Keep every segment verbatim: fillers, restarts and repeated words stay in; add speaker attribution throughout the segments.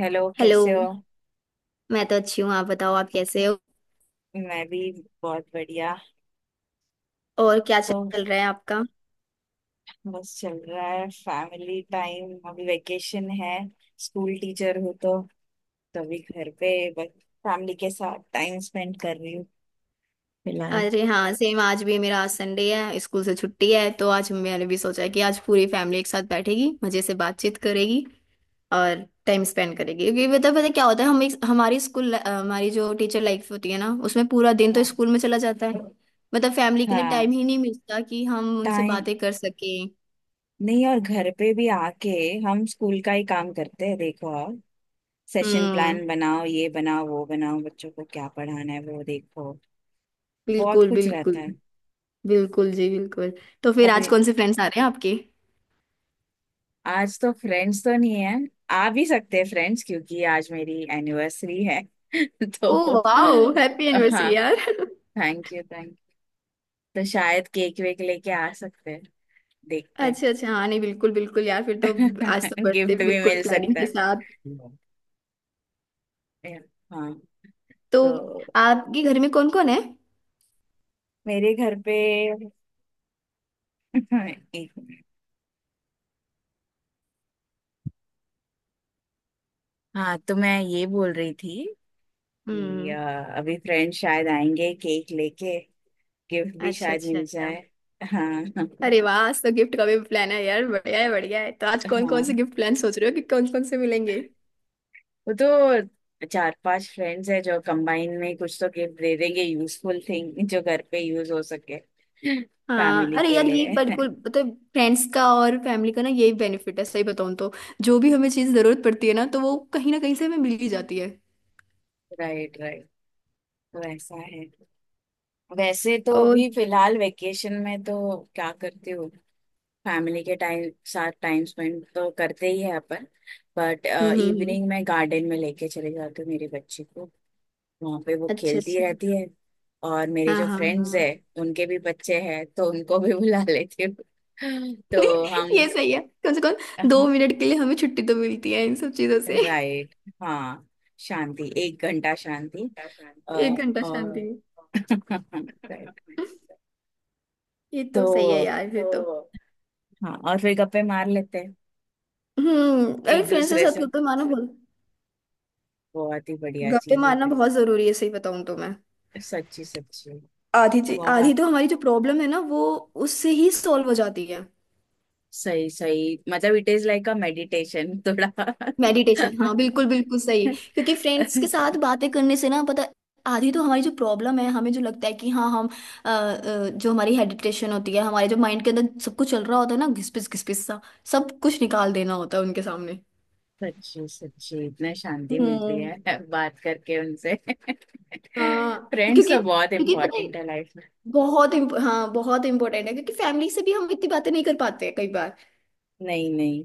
Speaker 1: Hello,
Speaker 2: hello.
Speaker 1: कैसे हो।
Speaker 2: मैं तो अच्छी हूँ, आप बताओ आप कैसे हो।
Speaker 1: मैं भी बहुत बढ़िया।
Speaker 2: और क्या
Speaker 1: तो
Speaker 2: चल रहा है आपका।
Speaker 1: बस चल रहा है, फैमिली टाइम, अभी वेकेशन है। स्कूल टीचर हूँ तो तभी घर पे बस फैमिली के साथ टाइम स्पेंड कर रही हूँ फिलहाल।
Speaker 2: अरे हाँ सेम, आज भी मेरा आज संडे है, स्कूल से छुट्टी है, तो आज मैंने भी सोचा कि आज पूरी फैमिली एक साथ बैठेगी, मजे से बातचीत करेगी और टाइम स्पेंड करेगी। क्योंकि पता पता क्या होता है, हम एक हमारी स्कूल, हमारी जो टीचर लाइफ होती है ना, उसमें पूरा दिन तो
Speaker 1: हाँ।
Speaker 2: स्कूल में चला जाता है। मतलब फैमिली के लिए
Speaker 1: हाँ,
Speaker 2: टाइम ही नहीं मिलता कि हम उनसे
Speaker 1: टाइम
Speaker 2: बातें कर सकें।
Speaker 1: नहीं। और घर पे भी आके हम स्कूल का ही काम करते हैं, देखो आप। सेशन
Speaker 2: हम्म।
Speaker 1: प्लान बनाओ, ये बनाओ, वो बनाओ, बच्चों को क्या पढ़ाना है वो देखो। बहुत
Speaker 2: बिल्कुल,
Speaker 1: कुछ रहता
Speaker 2: बिल्कुल।
Speaker 1: है।
Speaker 2: बिल्कुल जी, बिल्कुल। तो फिर
Speaker 1: अब
Speaker 2: आज कौन से फ्रेंड्स आ रहे हैं आपके।
Speaker 1: आज तो फ्रेंड्स तो नहीं है, आ भी सकते हैं फ्रेंड्स, क्योंकि आज मेरी एनिवर्सरी है। तो
Speaker 2: ओ वाओ! हैप्पी
Speaker 1: हाँ,
Speaker 2: एनिवर्सरी यार।
Speaker 1: Thank you thank you. तो शायद केक वेक लेके आ सकते हैं, देखते हैं।
Speaker 2: अच्छा, अच्छा। हाँ नहीं, बिल्कुल, बिल्कुल यार, फिर तो। आज तो बर्थडे
Speaker 1: गिफ्ट भी
Speaker 2: बिल्कुल
Speaker 1: मिल
Speaker 2: प्लानिंग
Speaker 1: सकता
Speaker 2: के
Speaker 1: है।
Speaker 2: साथ।
Speaker 1: Yeah। हाँ।
Speaker 2: तो
Speaker 1: तो
Speaker 2: आपके घर में कौन कौन है।
Speaker 1: मेरे घर पे एक मिनट। हाँ, तो मैं ये बोल रही थी कि
Speaker 2: हम्म।
Speaker 1: अ, अभी फ्रेंड शायद आएंगे केक लेके, गिफ्ट भी
Speaker 2: अच्छा,
Speaker 1: शायद
Speaker 2: अच्छा।
Speaker 1: मिल जाए। हाँ
Speaker 2: अरे वाह! आज तो गिफ्ट का भी प्लान है यार, बढ़िया है, बढ़िया है। तो आज कौन कौन से
Speaker 1: हाँ,
Speaker 2: गिफ्ट प्लान सोच रहे हो कि कौन कौन से मिलेंगे।
Speaker 1: वो तो चार पांच फ्रेंड्स है जो कंबाइन में कुछ तो गिफ्ट दे देंगे, यूजफुल थिंग जो घर पे यूज हो सके
Speaker 2: हाँ।
Speaker 1: फैमिली
Speaker 2: अरे
Speaker 1: के
Speaker 2: यार, ये
Speaker 1: लिए
Speaker 2: बिल्कुल मतलब फ्रेंड्स का और फैमिली का ना, यही बेनिफिट है सही बताऊँ तो। जो भी हमें चीज़ ज़रूरत पड़ती है ना, तो वो कहीं ना कहीं से हमें मिल ही जाती है।
Speaker 1: Right right. वैसा है। वैसे तो
Speaker 2: और
Speaker 1: अभी फिलहाल वेकेशन में तो क्या करती हूँ, फैमिली के टाइम साथ टाइम स्पेंड तो करते ही है अपन, but
Speaker 2: hmm, hmm, hmm.
Speaker 1: Evening में गार्डन में लेके चले जाती हूँ मेरी बच्ची को, वहां पे वो
Speaker 2: अच्छा,
Speaker 1: खेलती
Speaker 2: अच्छा।
Speaker 1: रहती है। और मेरे
Speaker 2: हाँ,
Speaker 1: जो
Speaker 2: हाँ,
Speaker 1: फ्रेंड्स है,
Speaker 2: हाँ।
Speaker 1: उनके भी बच्चे हैं, तो उनको भी बुला लेती हूँ तो हम।
Speaker 2: ये सही है। कम से कम दो मिनट के लिए हमें छुट्टी तो मिलती है इन सब चीजों से।
Speaker 1: राइट। हाँ, शांति, एक घंटा शांति। अ,
Speaker 2: एक घंटा
Speaker 1: और
Speaker 2: शांति।
Speaker 1: right।
Speaker 2: ये
Speaker 1: तो
Speaker 2: तो सही है यार, फिर तो।
Speaker 1: हाँ, और फिर गप्पे मार लेते हैं
Speaker 2: हम्म। अरे
Speaker 1: एक
Speaker 2: फ्रेंड्स के
Speaker 1: दूसरे
Speaker 2: साथ
Speaker 1: से,
Speaker 2: गप्पे मारना बहुत।
Speaker 1: बहुत ही बढ़िया
Speaker 2: गप्पे
Speaker 1: चीज है
Speaker 2: मारना
Speaker 1: भाई।
Speaker 2: बहुत जरूरी है सही बताऊं तो मैं।
Speaker 1: सच्ची सच्ची,
Speaker 2: आधी चीज-
Speaker 1: बहुत
Speaker 2: आधी तो हमारी जो प्रॉब्लम है ना, वो उससे ही सॉल्व हो जाती है।
Speaker 1: सही सही, मतलब it is like a meditation थोड़ा।
Speaker 2: मेडिटेशन, हाँ बिल्कुल, बिल्कुल सही। क्योंकि फ्रेंड्स के साथ बातें करने से ना पता, आधी तो हमारी जो प्रॉब्लम है, हमें जो लगता है कि हाँ हम, अ, अ, जो हमारी हेडिटेशन होती है, हमारे जो माइंड के अंदर सब कुछ चल रहा होता है ना, घिसपिस घिसपिस सा, सब कुछ निकाल देना होता है उनके सामने।
Speaker 1: सच्ची सच्ची, इतना शांति मिलती
Speaker 2: हम्म।
Speaker 1: है बात करके उनसे
Speaker 2: हाँ,
Speaker 1: फ्रेंड्स
Speaker 2: क्योंकि
Speaker 1: तो बहुत
Speaker 2: क्योंकि पता है।
Speaker 1: इम्पोर्टेंट है लाइफ में।
Speaker 2: बहुत इम्प- हाँ बहुत इम्पोर्टेंट है, क्योंकि फैमिली से भी हम इतनी बातें नहीं कर पाते हैं कई बार।
Speaker 1: नहीं नहीं,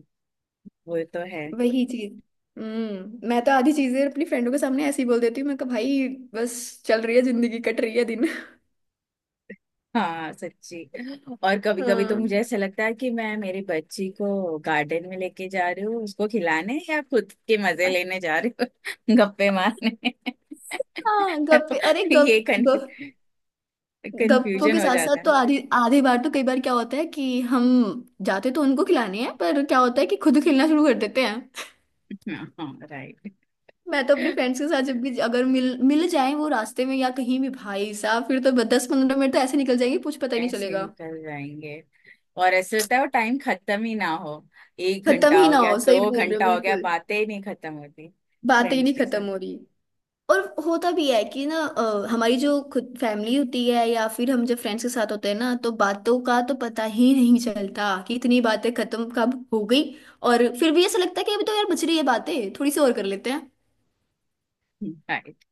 Speaker 1: वो तो है।
Speaker 2: वही चीज। हम्म। मैं तो आधी चीजें अपनी फ्रेंडों के सामने ऐसे ही बोल देती हूँ, मैं कहा भाई, बस चल रही है जिंदगी, कट रही है दिन।
Speaker 1: हाँ सच्ची। और कभी कभी तो
Speaker 2: हाँ।
Speaker 1: मुझे ऐसा लगता है कि मैं मेरी बच्ची को गार्डन में लेके जा रही हूँ उसको खिलाने, या खुद के मजे लेने जा रही हूँ गप्पे मारने।
Speaker 2: हाँ गप्पे, अरे
Speaker 1: ये
Speaker 2: गप, गप। गप्पों
Speaker 1: कंफ्यूजन
Speaker 2: के
Speaker 1: हो
Speaker 2: साथ साथ
Speaker 1: जाता है।
Speaker 2: तो आधी आधी बार, तो कई बार क्या होता है कि हम जाते तो उनको खिलाने हैं, पर क्या होता है कि खुद खेलना शुरू कर देते हैं।
Speaker 1: हाँ राइट।
Speaker 2: मैं तो अपने फ्रेंड्स के साथ जब भी अगर मिल मिल जाए, वो रास्ते में या कहीं भी, भाई साहब, फिर तो दस पंद्रह मिनट तो ऐसे निकल जाएंगे, कुछ पता ही नहीं
Speaker 1: ऐसे
Speaker 2: चलेगा।
Speaker 1: निकल जाएंगे, और ऐसे होता है वो टाइम खत्म ही ना हो। एक
Speaker 2: खत्म
Speaker 1: घंटा
Speaker 2: ही
Speaker 1: हो
Speaker 2: ना
Speaker 1: गया,
Speaker 2: हो, सही
Speaker 1: दो
Speaker 2: बोल रहे हो
Speaker 1: घंटा हो गया,
Speaker 2: बिल्कुल।
Speaker 1: बातें ही नहीं खत्म होती
Speaker 2: बातें ही
Speaker 1: फ्रेंड्स
Speaker 2: नहीं
Speaker 1: के साथ।
Speaker 2: खत्म हो रही। और होता भी है कि ना, अ, हमारी जो खुद फैमिली होती है या फिर हम जब फ्रेंड्स के साथ होते हैं ना, तो बातों का तो पता ही नहीं चलता कि इतनी बातें खत्म कब हो गई। और फिर भी ऐसा लगता है कि अभी तो यार बच रही है बातें, थोड़ी सी और कर लेते हैं।
Speaker 1: राइट,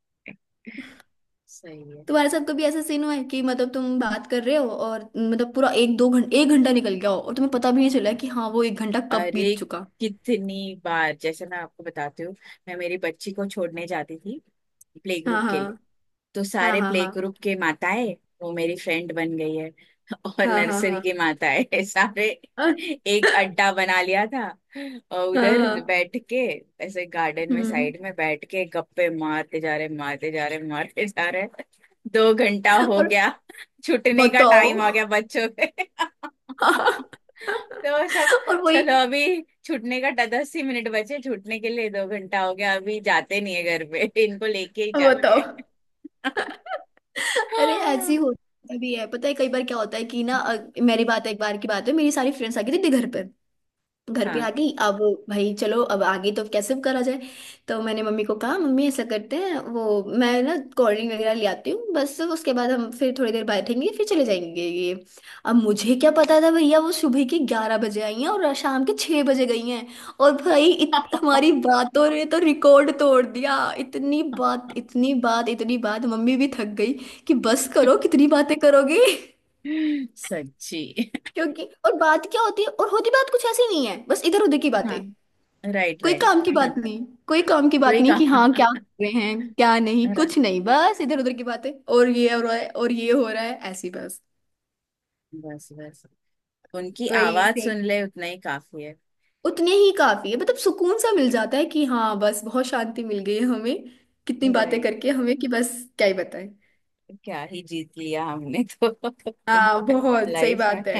Speaker 1: सही है।
Speaker 2: तुम्हारे साथ कभी ऐसा सीन हुआ है कि मतलब तुम बात कर रहे हो और मतलब पूरा एक दो घंटा, एक घंटा निकल गया हो, और तुम्हें पता भी नहीं चला कि हाँ वो एक घंटा कब
Speaker 1: अरे
Speaker 2: बीत चुका।
Speaker 1: कितनी बार, जैसे मैं आपको बताती हूँ, मैं मेरी बच्ची को छोड़ने जाती थी प्ले
Speaker 2: हाँ,
Speaker 1: ग्रुप के लिए,
Speaker 2: हाँ,
Speaker 1: तो सारे
Speaker 2: हाँ,
Speaker 1: प्ले
Speaker 2: हाँ,
Speaker 1: ग्रुप के माताएं, वो मेरी फ्रेंड बन गई है और
Speaker 2: हाँ, हाँ,
Speaker 1: नर्सरी
Speaker 2: हाँ,
Speaker 1: के माताएं सारे
Speaker 2: हाँ।
Speaker 1: एक अड्डा बना लिया था, और
Speaker 2: हाँ,
Speaker 1: उधर
Speaker 2: हाँ।
Speaker 1: बैठ के, ऐसे गार्डन में
Speaker 2: हम्म।
Speaker 1: साइड में बैठ के, गप्पे मारते जा रहे, मारते जा रहे, मारते जा रहे, दो घंटा हो
Speaker 2: और
Speaker 1: गया, छुटने का
Speaker 2: बताओ।
Speaker 1: टाइम आ गया बच्चों के।
Speaker 2: हाँ।
Speaker 1: तो सब,
Speaker 2: और
Speaker 1: चलो
Speaker 2: वही।
Speaker 1: अभी छूटने का ड- दस ही मिनट बचे छूटने के लिए, दो घंटा हो गया, अभी जाते नहीं है घर पे इनको लेके ही जाते
Speaker 2: बताओ।
Speaker 1: हैं।
Speaker 2: अरे ऐसी
Speaker 1: हाँ
Speaker 2: होता भी है पता है, कई बार क्या होता है कि ना, अ, मेरी बात है, एक बार की बात है, मेरी सारी फ्रेंड्स आ गई थी घर पर। घर पे आ गई, अब भाई चलो, अब आगे तो कैसे भी करा जाए। तो मैंने मम्मी को कहा, मम्मी ऐसा करते हैं वो, मैं ना कोल्ड ड्रिंक वगैरह ले आती हूँ, बस उसके बाद हम फिर थोड़ी देर बैठेंगे, फिर चले जाएंगे ये। अब मुझे क्या पता था भैया, वो सुबह के ग्यारह बजे आई हैं और शाम के छः बजे गई हैं। और भाई इत, हमारी बातों ने तो रिकॉर्ड तोड़ दिया, इतनी बात, इतनी बात, इतनी बात, मम्मी भी थक गई कि बस करो, कितनी बातें करोगे।
Speaker 1: सच्ची।
Speaker 2: क्योंकि और बात क्या होती है, और होती बात कुछ ऐसी नहीं है, बस इधर उधर की बातें।
Speaker 1: हाँ राइट
Speaker 2: कोई
Speaker 1: राइट।
Speaker 2: काम की बात नहीं। कोई काम की बात
Speaker 1: कोई
Speaker 2: नहीं कि हाँ
Speaker 1: कहा
Speaker 2: क्या कर रहे हैं क्या नहीं,
Speaker 1: रा-
Speaker 2: कुछ नहीं, बस इधर उधर की बातें, और ये हो रहा है और ये हो रहा है, ऐसी बस।
Speaker 1: बस बस, उनकी
Speaker 2: वही
Speaker 1: आवाज
Speaker 2: से।
Speaker 1: सुन ले उतना ही काफी है।
Speaker 2: उतने ही काफी है, मतलब सुकून सा मिल जाता है कि हाँ बस बहुत शांति मिल गई है हमें, कितनी बातें
Speaker 1: राइट,
Speaker 2: करके हमें कि बस क्या ही बताएं।
Speaker 1: क्या ही जीत लिया हमने तो
Speaker 2: हाँ बहुत सही
Speaker 1: लाइफ में।
Speaker 2: बात है।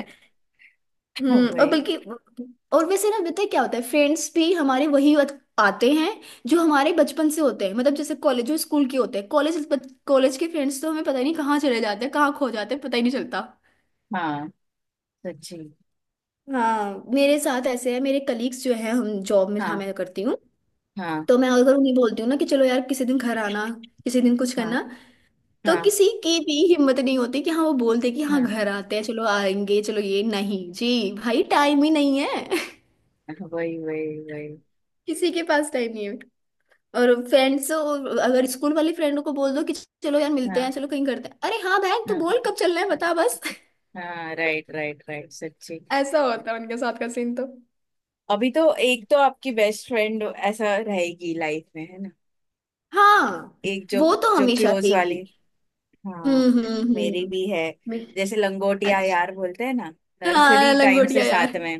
Speaker 2: हम्म, और
Speaker 1: वही।
Speaker 2: बल्कि। और वैसे ना पता है क्या होता है, फ्रेंड्स भी हमारे वही आत- आते हैं जो हमारे बचपन से होते हैं, मतलब जैसे कॉलेज, जो स्कूल के होते हैं, कॉलेज, कॉलेज के फ्रेंड्स तो हमें पता ही नहीं कहाँ चले जाते हैं, कहाँ खो जाते हैं, पता ही नहीं चलता।
Speaker 1: हाँ सच्ची।
Speaker 2: हाँ मेरे साथ ऐसे है, मेरे कलीग्स जो है, हम जॉब में जहाँ
Speaker 1: हाँ
Speaker 2: मैं करती हूँ,
Speaker 1: हाँ
Speaker 2: तो मैं अगर उन्हें बोलती हूँ ना कि चलो यार किसी दिन घर आना, किसी दिन कुछ
Speaker 1: हाँ।
Speaker 2: करना, तो
Speaker 1: हाँ
Speaker 2: किसी की भी हिम्मत नहीं होती कि हाँ, वो बोलते कि हाँ
Speaker 1: हाँ।
Speaker 2: घर आते हैं, चलो आएंगे चलो, ये नहीं जी, भाई टाइम ही नहीं है।
Speaker 1: वही वही वही।
Speaker 2: किसी के पास टाइम नहीं है। और फ्रेंड्स अगर स्कूल वाली फ्रेंडों को बोल दो कि चलो यार मिलते हैं,
Speaker 1: हाँ
Speaker 2: चलो कहीं करते हैं, अरे हाँ बहन तू बोल
Speaker 1: हाँ
Speaker 2: कब चलना है बता बस।
Speaker 1: हाँ, राइट राइट राइट, सच्ची।
Speaker 2: ऐसा होता है उनके साथ का सीन तो।
Speaker 1: अभी तो एक तो आपकी बेस्ट फ्रेंड ऐसा रहेगी लाइफ में, है ना,
Speaker 2: हाँ।
Speaker 1: एक जो,
Speaker 2: वो तो
Speaker 1: जो
Speaker 2: हमेशा
Speaker 1: क्लोज वाली।
Speaker 2: रहेगी।
Speaker 1: हाँ,
Speaker 2: हम्म, हम्म,
Speaker 1: मेरी
Speaker 2: हम्म।
Speaker 1: भी है,
Speaker 2: मैं-
Speaker 1: जैसे लंगोटिया
Speaker 2: अच्छा।
Speaker 1: यार बोलते हैं ना,
Speaker 2: हाँ
Speaker 1: नर्सरी टाइम से
Speaker 2: लंगोटिया यार।
Speaker 1: साथ में।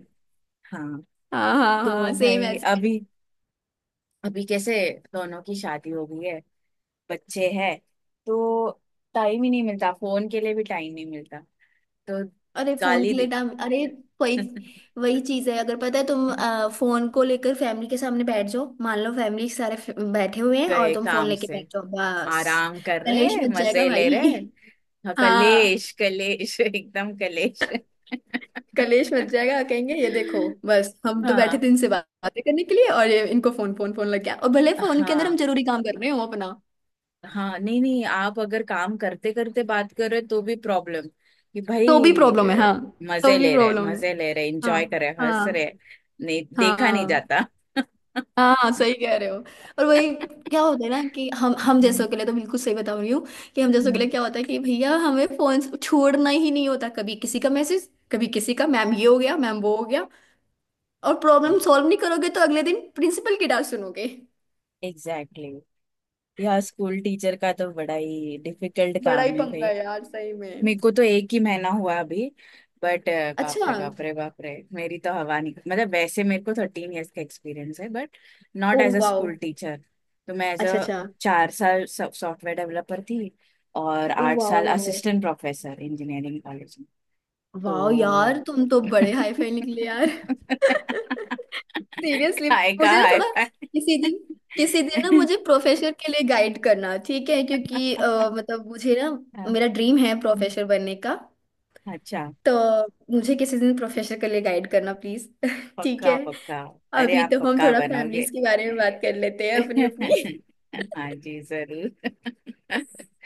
Speaker 1: हाँ,
Speaker 2: हाँ, हाँ, हाँ।
Speaker 1: तो
Speaker 2: सेम
Speaker 1: भाई
Speaker 2: ऐसे।
Speaker 1: अभी, अभी कैसे, दोनों की शादी हो गई है, बच्चे हैं, तो टाइम ही नहीं मिलता, फोन के लिए भी टाइम नहीं मिलता तो
Speaker 2: अरे फोन
Speaker 1: गाली
Speaker 2: के लिए
Speaker 1: दे।
Speaker 2: डाम, अरे। वही वही चीज है, अगर पता है तुम अ, फोन को लेकर फैमिली के सामने बैठ जाओ, मान लो फैमिली सारे फ- बैठे हुए हैं और
Speaker 1: गए
Speaker 2: तुम फोन
Speaker 1: काम
Speaker 2: लेके
Speaker 1: से,
Speaker 2: बैठ जाओ बस,
Speaker 1: आराम कर
Speaker 2: कलेश
Speaker 1: रहे,
Speaker 2: मच जाएगा
Speaker 1: मजे ले
Speaker 2: भाई।
Speaker 1: रहे। हाँ,
Speaker 2: हाँ,
Speaker 1: कलेश कलेश एकदम कलेश।
Speaker 2: कलेश मच जाएगा, कहेंगे ये देखो, बस हम तो बैठे
Speaker 1: हाँ
Speaker 2: थे इनसे बात- बातें करने के लिए और ये इनको फोन, फोन, फोन लग गया, और भले फोन के अंदर हम
Speaker 1: हाँ
Speaker 2: जरूरी काम कर रहे हो अपना,
Speaker 1: हाँ। नहीं नहीं, आप अगर काम करते करते बात कर रहे तो भी प्रॉब्लम, कि
Speaker 2: तो भी
Speaker 1: भाई
Speaker 2: प्रॉब्लम है।
Speaker 1: अ,
Speaker 2: हाँ, तो
Speaker 1: मजे
Speaker 2: भी
Speaker 1: ले रहे,
Speaker 2: प्रॉब्लम है।
Speaker 1: मजे ले रहे,
Speaker 2: हाँ,
Speaker 1: एंजॉय कर रहे, हंस
Speaker 2: हाँ।
Speaker 1: रहे, नहीं देखा नहीं
Speaker 2: हाँ,
Speaker 1: जाता।
Speaker 2: हाँ सही कह रहे हो। और वही क्या होता है ना कि हम हम जैसों के लिए तो बिल्कुल सही बता रही हूँ, कि हम जैसों के लिए क्या होता है कि भैया हमें फोन छोड़ना ही नहीं होता, कभी किसी का मैसेज, कभी किसी का मैम ये हो गया, मैम वो हो गया, और प्रॉब्लम सॉल्व नहीं करोगे तो अगले दिन प्रिंसिपल की डांट सुनोगे।
Speaker 1: Exactly exactly। यह स्कूल टीचर का तो बड़ा ही डिफिकल्ट
Speaker 2: बड़ा ही
Speaker 1: काम है।
Speaker 2: पंगा है यार, सही
Speaker 1: मेरे
Speaker 2: में।
Speaker 1: को तो एक ही महीना हुआ अभी, बट बाप
Speaker 2: अच्छा।
Speaker 1: रे बाप रे बाप रे, मेरी तो हवा निकल, मतलब वैसे मेरे को थर्टीन इयर्स का एक्सपीरियंस है, but not
Speaker 2: oh
Speaker 1: as a
Speaker 2: wow.
Speaker 1: School teacher. तो मैं एज अ,
Speaker 2: अच्छा, अच्छा।
Speaker 1: चार साल सॉफ्टवेयर डेवलपर थी, और
Speaker 2: ओ
Speaker 1: आठ
Speaker 2: वाओ,
Speaker 1: साल
Speaker 2: wow.
Speaker 1: Assistant professor engineering college में।
Speaker 2: वाओ यार,
Speaker 1: तो
Speaker 2: तुम तो बड़े हाई फाई निकले यार। सीरियसली।
Speaker 1: काय का
Speaker 2: मुझे ना
Speaker 1: हाय
Speaker 2: थोड़ा,
Speaker 1: फाय।
Speaker 2: किसी दिन, किसी दिन ना मुझे प्रोफेसर के लिए गाइड करना ठीक है, क्योंकि अ, मतलब मुझे ना, मेरा ड्रीम है प्रोफेसर बनने का,
Speaker 1: अच्छा,
Speaker 2: तो मुझे किसी दिन प्रोफेसर के लिए गाइड करना प्लीज। ठीक है।
Speaker 1: पक्का पक्का, अरे
Speaker 2: अभी
Speaker 1: आप
Speaker 2: तो हम
Speaker 1: पक्का
Speaker 2: थोड़ा
Speaker 1: बनोगे।
Speaker 2: फैमिलीज के बारे में बात कर लेते हैं अपनी अपनी।
Speaker 1: हाँ जी जरूर।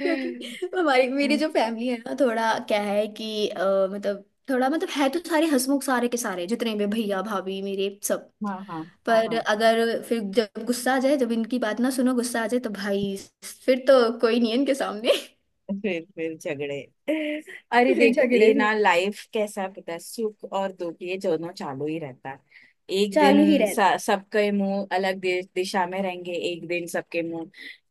Speaker 2: क्योंकि हमारी मेरी जो फैमिली है ना, थोड़ा क्या है कि अ, मतलब, थोड़ा मतलब है तो सारे हंसमुख, सारे के सारे जितने भी भैया भाभी मेरे सब।
Speaker 1: हाँ हाँ। हाँ
Speaker 2: पर
Speaker 1: हाँ।
Speaker 2: अगर फिर जब गुस्सा आ जाए, जब इनकी बात ना सुनो गुस्सा आ जाए, तो भाई फिर तो कोई नहीं है इनके सामने।
Speaker 1: फिर फिर झगड़े। अरे
Speaker 2: फिर
Speaker 1: देखो
Speaker 2: झगड़े,
Speaker 1: ये
Speaker 2: हाँ
Speaker 1: ना लाइफ कैसा, पता है, सुख और दुख ये दोनों चालू ही रहता है। एक
Speaker 2: चालू ही
Speaker 1: दिन
Speaker 2: रहते।
Speaker 1: स- सबके मुंह अलग दि- दिशा में रहेंगे, एक दिन सबके मुंह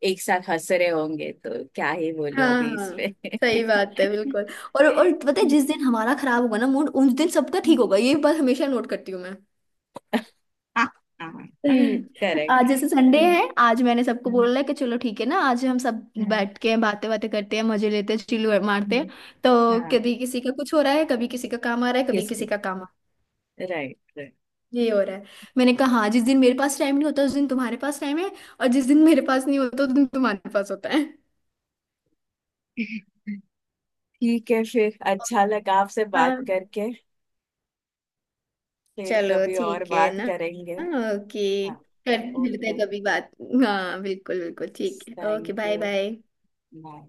Speaker 1: एक साथ हंस रहे होंगे, तो क्या ही बोलो
Speaker 2: हाँ,
Speaker 1: अभी
Speaker 2: हाँ
Speaker 1: इस पे।
Speaker 2: सही बात है, बिल्कुल। और और पता है, जिस दिन हमारा खराब होगा ना मूड, उस दिन सबका ठीक होगा, ये बात हमेशा नोट करती हूँ मैं। सही में। आज
Speaker 1: करेक्ट।
Speaker 2: जैसे संडे है, आज मैंने सबको बोला है कि चलो ठीक है ना, आज हम सब बैठ के बातें बातें करते हैं, मजे लेते हैं, चिल्लू मारते हैं तो।
Speaker 1: हाँ,
Speaker 2: कभी किसी का कुछ हो रहा है, कभी किसी का काम आ रहा है, कभी
Speaker 1: किसको।
Speaker 2: किसी का काम आ
Speaker 1: राइट राइट।
Speaker 2: ये हो रहा है। मैंने कहा हाँ, जिस दिन मेरे पास टाइम नहीं होता उस दिन तुम्हारे पास टाइम है, और जिस दिन मेरे पास नहीं होता उस दिन तुम्हारे पास होता है।
Speaker 1: ठीक है, फिर अच्छा लगा आपसे
Speaker 2: हाँ।
Speaker 1: बात करके, फिर
Speaker 2: चलो
Speaker 1: कभी और
Speaker 2: ठीक है
Speaker 1: बात
Speaker 2: ना।
Speaker 1: करेंगे।
Speaker 2: ओके।
Speaker 1: हाँ
Speaker 2: कर मिलते हैं
Speaker 1: ओके।
Speaker 2: कभी बात। हाँ बिल्कुल, बिल्कुल ठीक है। Okay.
Speaker 1: Thank
Speaker 2: bye
Speaker 1: you.
Speaker 2: Bye.
Speaker 1: Bye.